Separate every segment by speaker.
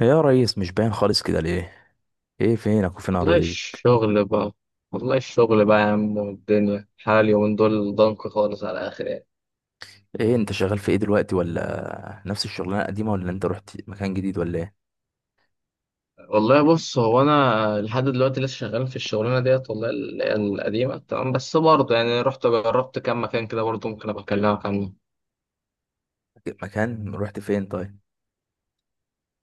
Speaker 1: يا ريس، مش باين خالص كده ليه؟ ايه فينك وفين
Speaker 2: والله
Speaker 1: اراضيك؟
Speaker 2: الشغل بقى والله الشغل بقى يا عم، والدنيا حالي ومن دول ضنك خالص على الاخر يعني.
Speaker 1: ايه انت شغال في ايه دلوقتي، ولا نفس الشغلانه القديمه، ولا انت رحت مكان جديد، ولا ايه؟
Speaker 2: والله بص، هو انا لحد دلوقتي لسه شغال في الشغلانه ديت، والله اللي هي القديمه، تمام، بس برضه يعني رحت جربت كام مكان كده، برضه ممكن ابقى اكلمك عنه.
Speaker 1: مكان رحت فين؟ طيب.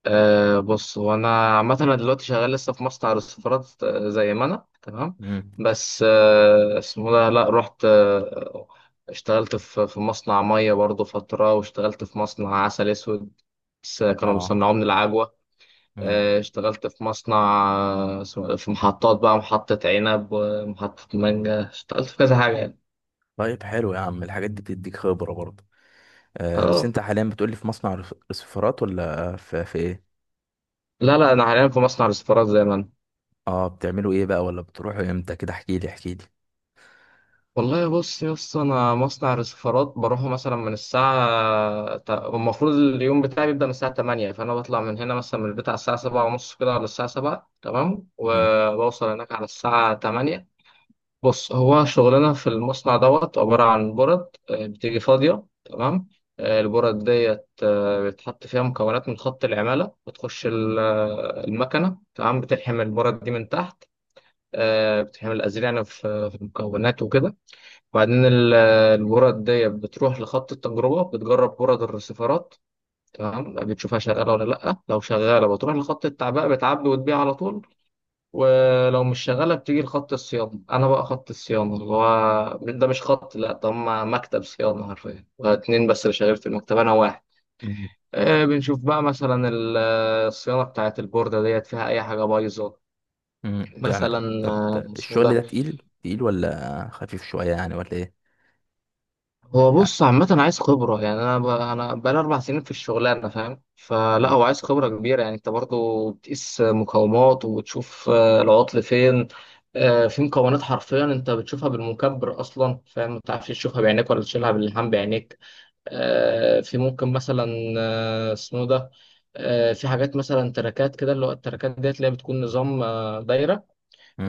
Speaker 2: أه بص، هو انا عامه انا دلوقتي شغال لسه في مصنع رصفارات، زي ما انا، تمام.
Speaker 1: امم.
Speaker 2: بس أه اسمه ده، لا رحت أه اشتغلت في مصنع ميه برضه فتره، واشتغلت في مصنع عسل اسود، بس كانوا
Speaker 1: اه.
Speaker 2: بيصنعوه من العجوه.
Speaker 1: امم.
Speaker 2: أه اشتغلت في مصنع، في محطات بقى، محطه عنب ومحطه مانجا، اشتغلت في كذا حاجه يعني.
Speaker 1: طيب، حلو يا عم، الحاجات دي بتديك خبره برضه. آه، بس
Speaker 2: اه،
Speaker 1: انت حاليا بتقولي في مصنع رسيفرات ولا في ايه؟
Speaker 2: لا لا انا حاليا في مصنع رصفارات، زي ما انا.
Speaker 1: اه. بتعملوا ايه بقى، ولا بتروحوا امتى؟ كده احكي لي احكي لي.
Speaker 2: والله بص يا اسطى، انا مصنع رسيفرات بروحه مثلا من المفروض اليوم بتاعي بيبدا من الساعه 8، فانا بطلع من هنا مثلا من البيت على الساعه 7 ونص كده، ولا الساعه 7 تمام،
Speaker 1: امم.
Speaker 2: وبوصل هناك على الساعه 8. بص، هو شغلنا في المصنع دوت عباره عن برد، بتيجي فاضيه تمام. البرد ديت بتحط فيها مكونات من خط العماله، بتخش المكنه، تمام، بتلحم البرد دي من تحت. بتلحم الازرع يعني في المكونات وكده. وبعدين الورد دي بتروح لخط التجربة، بتجرب ورد الرسيفرات، تمام، بتشوفها شغالة ولا لأ. لو شغالة بتروح لخط التعبئة، بتعبي وتبيع على طول. ولو مش شغالة بتيجي لخط الصيانة. أنا بقى خط الصيانة اللي هو ده، مش خط لأ، ده هما مكتب صيانة حرفيا، اتنين بس اللي شغال في المكتب، أنا واحد.
Speaker 1: امم.
Speaker 2: بنشوف بقى مثلا الصيانة بتاعت البوردة ديت فيها أي حاجة بايظة.
Speaker 1: أمم. يعني
Speaker 2: مثلا
Speaker 1: طب
Speaker 2: آه، اسمه
Speaker 1: الشغل
Speaker 2: ده
Speaker 1: ده تقيل تقيل ولا خفيف شويه يعني، ولا ايه؟
Speaker 2: هو
Speaker 1: يعني-
Speaker 2: بص، عامة عايز خبرة يعني. أنا أنا بقالي 4 سنين في الشغلانة، فاهم؟ فلا
Speaker 1: مم.
Speaker 2: هو عايز خبرة كبيرة يعني، أنت برضو بتقيس مقاومات وبتشوف العطل فين. في مكونات حرفيا أنت بتشوفها بالمكبر أصلا، فاهم؟ ما بتعرفش تشوفها بعينيك ولا تشيلها باللحام بعينيك. في ممكن مثلا آه، اسمه ده آه، في حاجات مثلا تراكات كده، اللي هو التراكات ديت اللي هي بتكون نظام دايرة،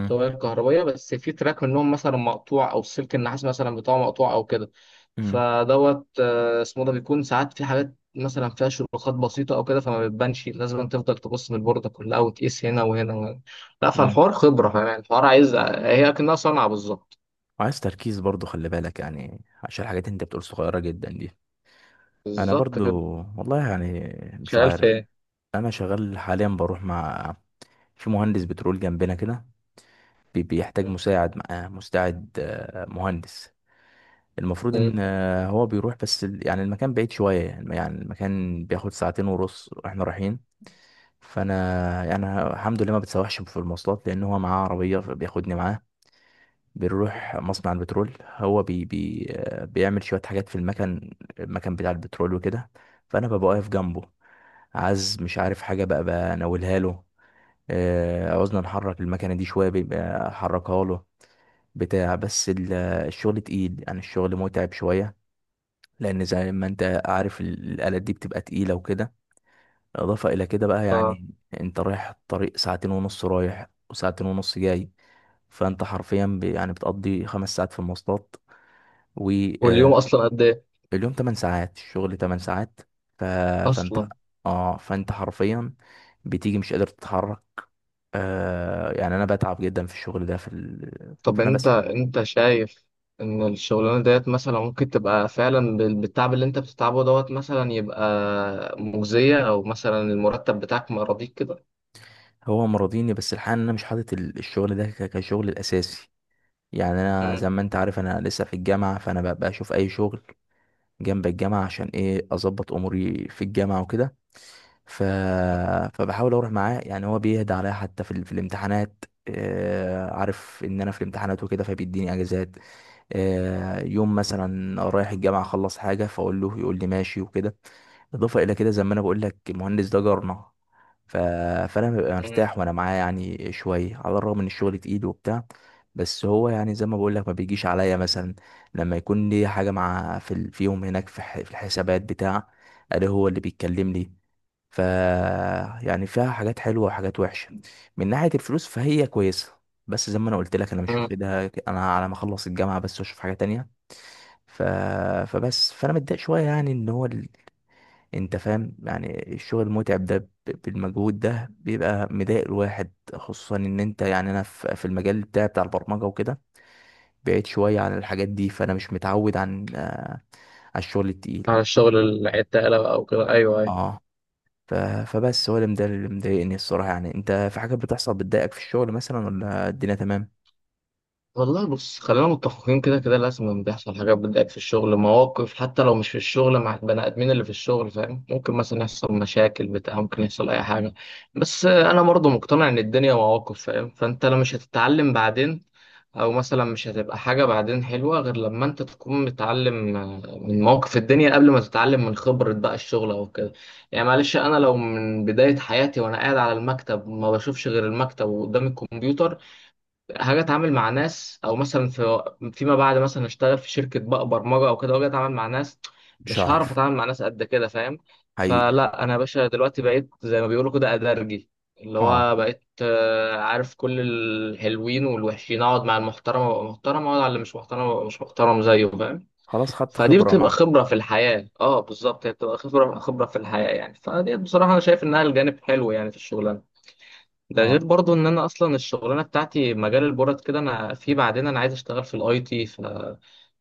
Speaker 2: طوابير كهربية. بس في تراك منهم مثلا مقطوع، أو سلك النحاس مثلا بتاعه مقطوع أو كده.
Speaker 1: مم.
Speaker 2: فدوت آه، اسمه ده بيكون ساعات في حاجات مثلا فيها شروخات بسيطة أو كده، فما بتبانش. لازم تفضل تبص من البوردة كلها وتقيس هنا وهنا وهنا. لا،
Speaker 1: مم.
Speaker 2: فالحوار خبرة يعني، الحوار عايز هي أكنها صنعة بالظبط.
Speaker 1: وعايز تركيز برضو، خلي بالك يعني، عشان الحاجات اللي انت بتقول صغيرة جدا دي. انا
Speaker 2: بالظبط
Speaker 1: برضو،
Speaker 2: كده.
Speaker 1: والله يعني، مش
Speaker 2: شغال في
Speaker 1: عارف.
Speaker 2: إيه؟
Speaker 1: انا شغال حاليا، بروح مع، في مهندس بترول جنبنا كده. بيحتاج
Speaker 2: مم.
Speaker 1: مساعد معاه مستعد مهندس. المفروض ان
Speaker 2: مم.
Speaker 1: هو بيروح بس يعني المكان بعيد شوية، يعني المكان بياخد ساعتين ونص واحنا رايحين. فانا يعني الحمد لله ما بتسوحش في المواصلات، لان هو معاه عربية فبياخدني معاه. بنروح مصنع البترول، هو بي بيعمل شوية حاجات في المكن، المكن بتاع البترول وكده. فأنا ببقى واقف جنبه، عايز مش عارف حاجة بقى بناولها له. عاوزنا نحرك المكنة دي شوية بيبقى أحركها له. بتاع. بس الشغل تقيل يعني، الشغل متعب شوية، لأن زي ما أنت عارف الآلات دي بتبقى تقيلة وكده. إضافة إلى كده بقى
Speaker 2: آه.
Speaker 1: يعني، أنت رايح الطريق ساعتين ونص رايح وساعتين ونص جاي، فأنت حرفيا يعني بتقضي 5 ساعات في المواصلات.
Speaker 2: واليوم
Speaker 1: واليوم
Speaker 2: أصلا قد إيه؟
Speaker 1: 8 ساعات، الشغل 8 ساعات. ف... فانت،
Speaker 2: أصلا
Speaker 1: اه فانت حرفيا بتيجي مش قادر تتحرك. يعني انا بتعب جدا في الشغل ده في
Speaker 2: طب
Speaker 1: انا
Speaker 2: انت،
Speaker 1: بس.
Speaker 2: انت شايف ان الشغلانه ديت مثلا ممكن تبقى فعلا بالتعب اللي انت بتتعبه دوت، مثلا يبقى مجزيه، او مثلا المرتب بتاعك ما يراضيك كده؟
Speaker 1: هو مرضيني، بس الحقيقه إن انا مش حاطط الشغل ده كشغل الاساسي. يعني انا زي
Speaker 2: مم.
Speaker 1: ما انت عارف انا لسه في الجامعه، فانا بشوف اي شغل جنب الجامعة عشان ايه اظبط اموري في الجامعة وكده. ف...
Speaker 2: مم.
Speaker 1: فبحاول اروح معاه يعني، هو بيهدى عليا حتى في الامتحانات، عارف ان انا في الامتحانات وكده فبيديني اجازات. يوم مثلا رايح الجامعة اخلص حاجة فاقول له يقول لي ماشي وكده. اضافة الى كده، زي ما انا بقول لك، المهندس ده جارنا. ف... فانا ببقى
Speaker 2: مم.
Speaker 1: مرتاح وانا معاه يعني شوية، على الرغم ان الشغل تقيل وبتاع. بس هو يعني، زي ما بقول لك، ما بيجيش عليا. مثلا لما يكون لي حاجة مع في في يوم هناك في في الحسابات بتاع، ألاقيه هو اللي بيتكلم لي. ف يعني فيها حاجات حلوة وحاجات وحشة. من ناحية الفلوس فهي كويسة. بس زي ما أنا قلت لك، أنا مش
Speaker 2: مم.
Speaker 1: واخدها أنا على ما أخلص الجامعة بس وأشوف حاجة تانية. ف... فبس، فأنا متضايق شوية يعني، إن هو أنت فاهم يعني الشغل المتعب ده بالمجهود ده بيبقى مضايق الواحد، خصوصا إن أنت يعني أنا في المجال بتاعي بتاع البرمجة وكده، بعيد شوية عن الحاجات دي، فأنا مش متعود على الشغل التقيل.
Speaker 2: على الشغل العتاله بقى او كده، ايوه ايوه.
Speaker 1: اه. ف... فبس، هو ده اللي مضايقني الصراحة. يعني انت في حاجات بتحصل بتضايقك في الشغل مثلا، ولا الدنيا تمام؟
Speaker 2: والله بص، خلينا متفقين كده، كده لازم بيحصل حاجات بتضايق في الشغل، مواقف، حتى لو مش في الشغل مع البني ادمين اللي في الشغل، فاهم؟ ممكن مثلا يحصل مشاكل بتاع، ممكن يحصل اي حاجه. بس انا برضه مقتنع ان الدنيا مواقف، فاهم؟ فانت لو مش هتتعلم بعدين، او مثلا مش هتبقى حاجة بعدين حلوة غير لما انت تكون متعلم من مواقف الدنيا، قبل ما تتعلم من خبرة بقى الشغل او كده. يعني معلش، انا لو من بداية حياتي وانا قاعد على المكتب ما بشوفش غير المكتب وقدام الكمبيوتر، هاجي اتعامل مع ناس؟ او مثلا في فيما بعد مثلا اشتغل في شركه بقى برمجه او كده واجي اتعامل مع ناس،
Speaker 1: مش
Speaker 2: مش هعرف
Speaker 1: هعرف.
Speaker 2: اتعامل مع ناس قد كده، فاهم؟
Speaker 1: حقيقي.
Speaker 2: فلا انا يا باشا دلوقتي بقيت زي ما بيقولوا كده ادرجي، اللي
Speaker 1: اه.
Speaker 2: هو بقيت عارف كل الحلوين والوحشين، اقعد مع المحترم وابقى محترم، اقعد على اللي مش محترم وابقى مش محترم زيه، فاهم؟
Speaker 1: خلاص خدت
Speaker 2: فدي
Speaker 1: خبرة.
Speaker 2: بتبقى
Speaker 1: مع.
Speaker 2: خبره في الحياه. اه بالظبط، هي بتبقى خبره، خبره في الحياه يعني. فدي بصراحه انا شايف انها الجانب حلو يعني في الشغل. ده
Speaker 1: اه،
Speaker 2: غير برضو ان انا اصلا الشغلانه بتاعتي مجال البورد كده، انا في بعدين انا عايز اشتغل في الاي تي، ف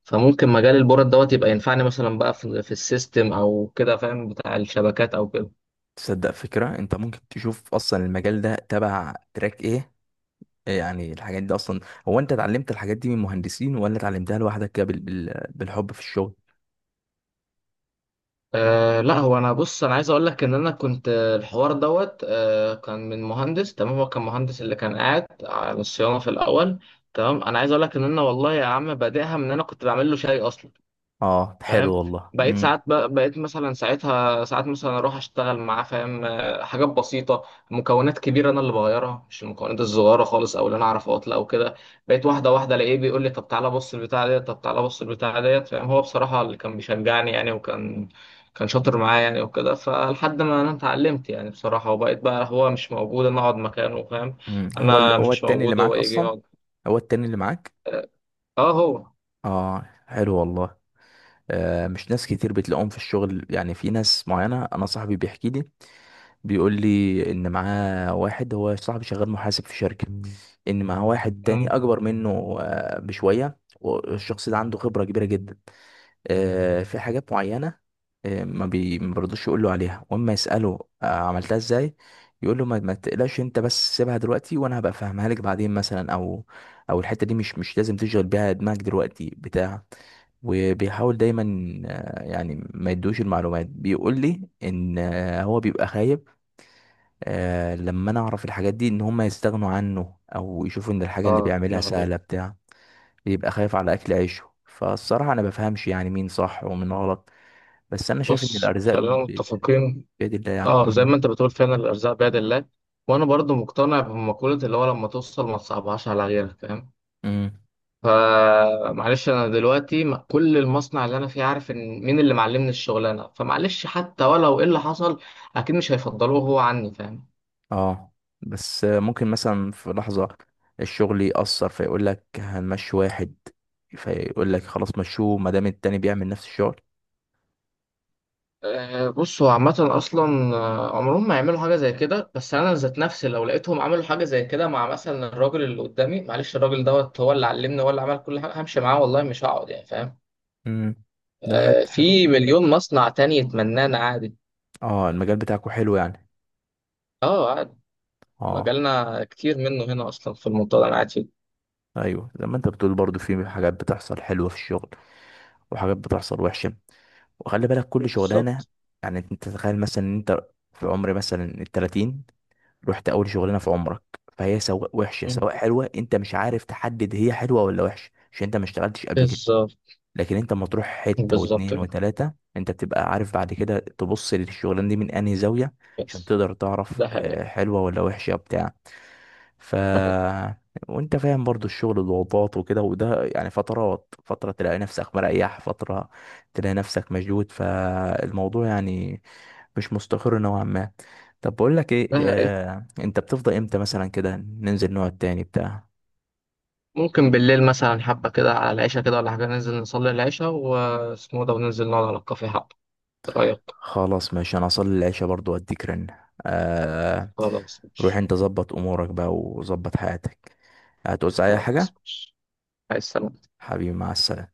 Speaker 2: فممكن مجال البورد دوت يبقى ينفعني مثلا بقى في, السيستم او كده، فاهم، بتاع الشبكات او كده.
Speaker 1: تصدق فكرة، انت ممكن تشوف اصلا المجال ده تبع تراك ايه؟ إيه يعني الحاجات دي اصلا؟ هو انت اتعلمت الحاجات دي من مهندسين، ولا اتعلمتها لوحدك كده بالحب في الشغل؟
Speaker 2: أه لا، هو انا بص، انا عايز اقول لك ان انا كنت الحوار دوت أه كان من مهندس، تمام، هو كان مهندس اللي كان قاعد على الصيانه في الاول، تمام. انا عايز اقول لك ان انا والله يا عم بادئها من إن انا كنت بعمل له شاي اصلا،
Speaker 1: اه حلو
Speaker 2: فاهم؟
Speaker 1: والله.
Speaker 2: بقيت
Speaker 1: امم.
Speaker 2: ساعات بقيت مثلا ساعتها ساعات مثلا اروح اشتغل معاه، فاهم؟ حاجات بسيطه، مكونات كبيره انا اللي بغيرها، مش المكونات الصغيره خالص، او اللي انا اعرف اطلع او كده. بقيت واحده واحده الاقيه بيقول لي طب تعالى بص البتاع ديت، طب تعالى بص البتاع ديت، فاهم؟ هو بصراحه اللي كان بيشجعني يعني، وكان كان شاطر معايا يعني وكده، فلحد ما انا اتعلمت يعني بصراحه، وبقيت بقى هو مش موجود انا اقعد مكانه، فاهم؟
Speaker 1: امم. هو
Speaker 2: انا
Speaker 1: هو
Speaker 2: مش
Speaker 1: التاني اللي
Speaker 2: موجود هو
Speaker 1: معاك
Speaker 2: يجي
Speaker 1: اصلا؟
Speaker 2: يقعد.
Speaker 1: هو التاني اللي معاك؟
Speaker 2: اه هو.
Speaker 1: اه. حلو والله. مش ناس كتير بتلاقوهم في الشغل، يعني في ناس معينة. أنا صاحبي بيحكي لي، بيقول لي إن معاه واحد، هو صاحبي شغال محاسب في شركة، إن معاه واحد تاني
Speaker 2: مم.
Speaker 1: أكبر منه بشوية، والشخص ده عنده خبرة كبيرة جدا في حاجات معينة، ما بيرضوش يقولوا عليها، واما يسأله عملتها ازاي، يقول له ما تقلقش انت بس، سيبها دلوقتي وانا هبقى افهمها لك بعدين مثلا، او او الحتة دي مش لازم تشغل بيها دماغك دلوقتي بتاع. وبيحاول دايما يعني ما يدوش المعلومات. بيقول لي ان هو بيبقى خايف لما انا اعرف الحاجات دي ان هم يستغنوا عنه او يشوفوا ان الحاجة اللي
Speaker 2: اه
Speaker 1: بيعملها
Speaker 2: نعم.
Speaker 1: سهلة بتاع، بيبقى خايف على اكل عيشه. فالصراحة انا بفهمش يعني مين صح ومين غلط. بس انا شايف ان
Speaker 2: بص
Speaker 1: الارزاق
Speaker 2: خلينا متفقين.
Speaker 1: بيد الله يعني.
Speaker 2: اه، زي
Speaker 1: امم.
Speaker 2: ما انت بتقول فعلا، الارزاق بيد الله. وانا برضو مقتنع بمقولة اللي هو لما توصل ما تصعبهاش على غيرك، فاهم؟
Speaker 1: أمم.
Speaker 2: فمعلش، انا دلوقتي كل المصنع اللي انا فيه عارف ان مين اللي معلمني الشغلانه، فمعلش حتى ولو ايه اللي حصل، اكيد مش هيفضلوه هو عني، فاهم؟
Speaker 1: اه. بس ممكن مثلا في لحظه الشغل يأثر فيقول لك هنمشي واحد، فيقول لك خلاص مشوه ما دام التاني بيعمل نفس الشغل.
Speaker 2: أه بص، هو عامة أصلا عمرهم ما يعملوا حاجة زي كده. بس أنا ذات نفسي لو لقيتهم عملوا حاجة زي كده مع مثلا الراجل اللي قدامي، معلش الراجل دوت هو اللي علمني، هو اللي عمل كل حاجة، همشي معاه والله، مش هقعد يعني، فاهم؟
Speaker 1: امم. ده حته حلو.
Speaker 2: في مليون مصنع تاني يتمنانا عادي.
Speaker 1: اه، المجال بتاعكو حلو يعني.
Speaker 2: اه عادي.
Speaker 1: اه.
Speaker 2: مجالنا كتير منه هنا اصلا في المنطقه اللي انا قاعد فيها.
Speaker 1: ايوه، زي ما انت بتقول برضو في حاجات بتحصل حلوه في الشغل، وحاجات بتحصل وحشه، وخلي بالك كل شغلانه.
Speaker 2: بالظبط.
Speaker 1: يعني انت تتخيل مثلا ان انت في عمر مثلا الـ30، رحت اول شغلانه في عمرك، فهي سواء وحشه
Speaker 2: مم.
Speaker 1: سواء حلوه، انت مش عارف تحدد هي حلوه ولا وحشه عشان انت ما اشتغلتش قبل كده.
Speaker 2: بالظبط.
Speaker 1: لكن انت اما تروح حته
Speaker 2: بالظبط
Speaker 1: واتنين
Speaker 2: كده.
Speaker 1: وتلاته، انت بتبقى عارف بعد كده تبص للشغلانه دي من انهي زاويه، عشان
Speaker 2: بس
Speaker 1: تقدر تعرف
Speaker 2: ده حقيقي.
Speaker 1: حلوه ولا وحشه بتاع. ف
Speaker 2: حقيقي.
Speaker 1: وانت فاهم برضو الشغل، الضغوطات وكده، وده يعني فترات، فتره تلاقي نفسك مريح، فتره تلاقي نفسك مشدود، فالموضوع يعني مش مستقر نوعا ما. طب بقول لك ايه،
Speaker 2: ده حقيقي.
Speaker 1: انت بتفضى امتى مثلا كده ننزل نقعد تاني بتاع؟
Speaker 2: ممكن بالليل مثلا حبه كده على العشاء كده ولا حاجه، ننزل نصلي العشاء واسمه ده، وننزل نقعد على الكافيه حبه، إيه رايك؟
Speaker 1: خلاص ماشي، انا اصلي العشاء برضو واديك رن. آه.
Speaker 2: خلاص
Speaker 1: روح
Speaker 2: ماشي.
Speaker 1: انت ظبط امورك بقى وظبط حياتك. هتعوز اي
Speaker 2: خلاص
Speaker 1: حاجة؟
Speaker 2: ماشي. عايز سلام.
Speaker 1: حبيبي، مع السلامة.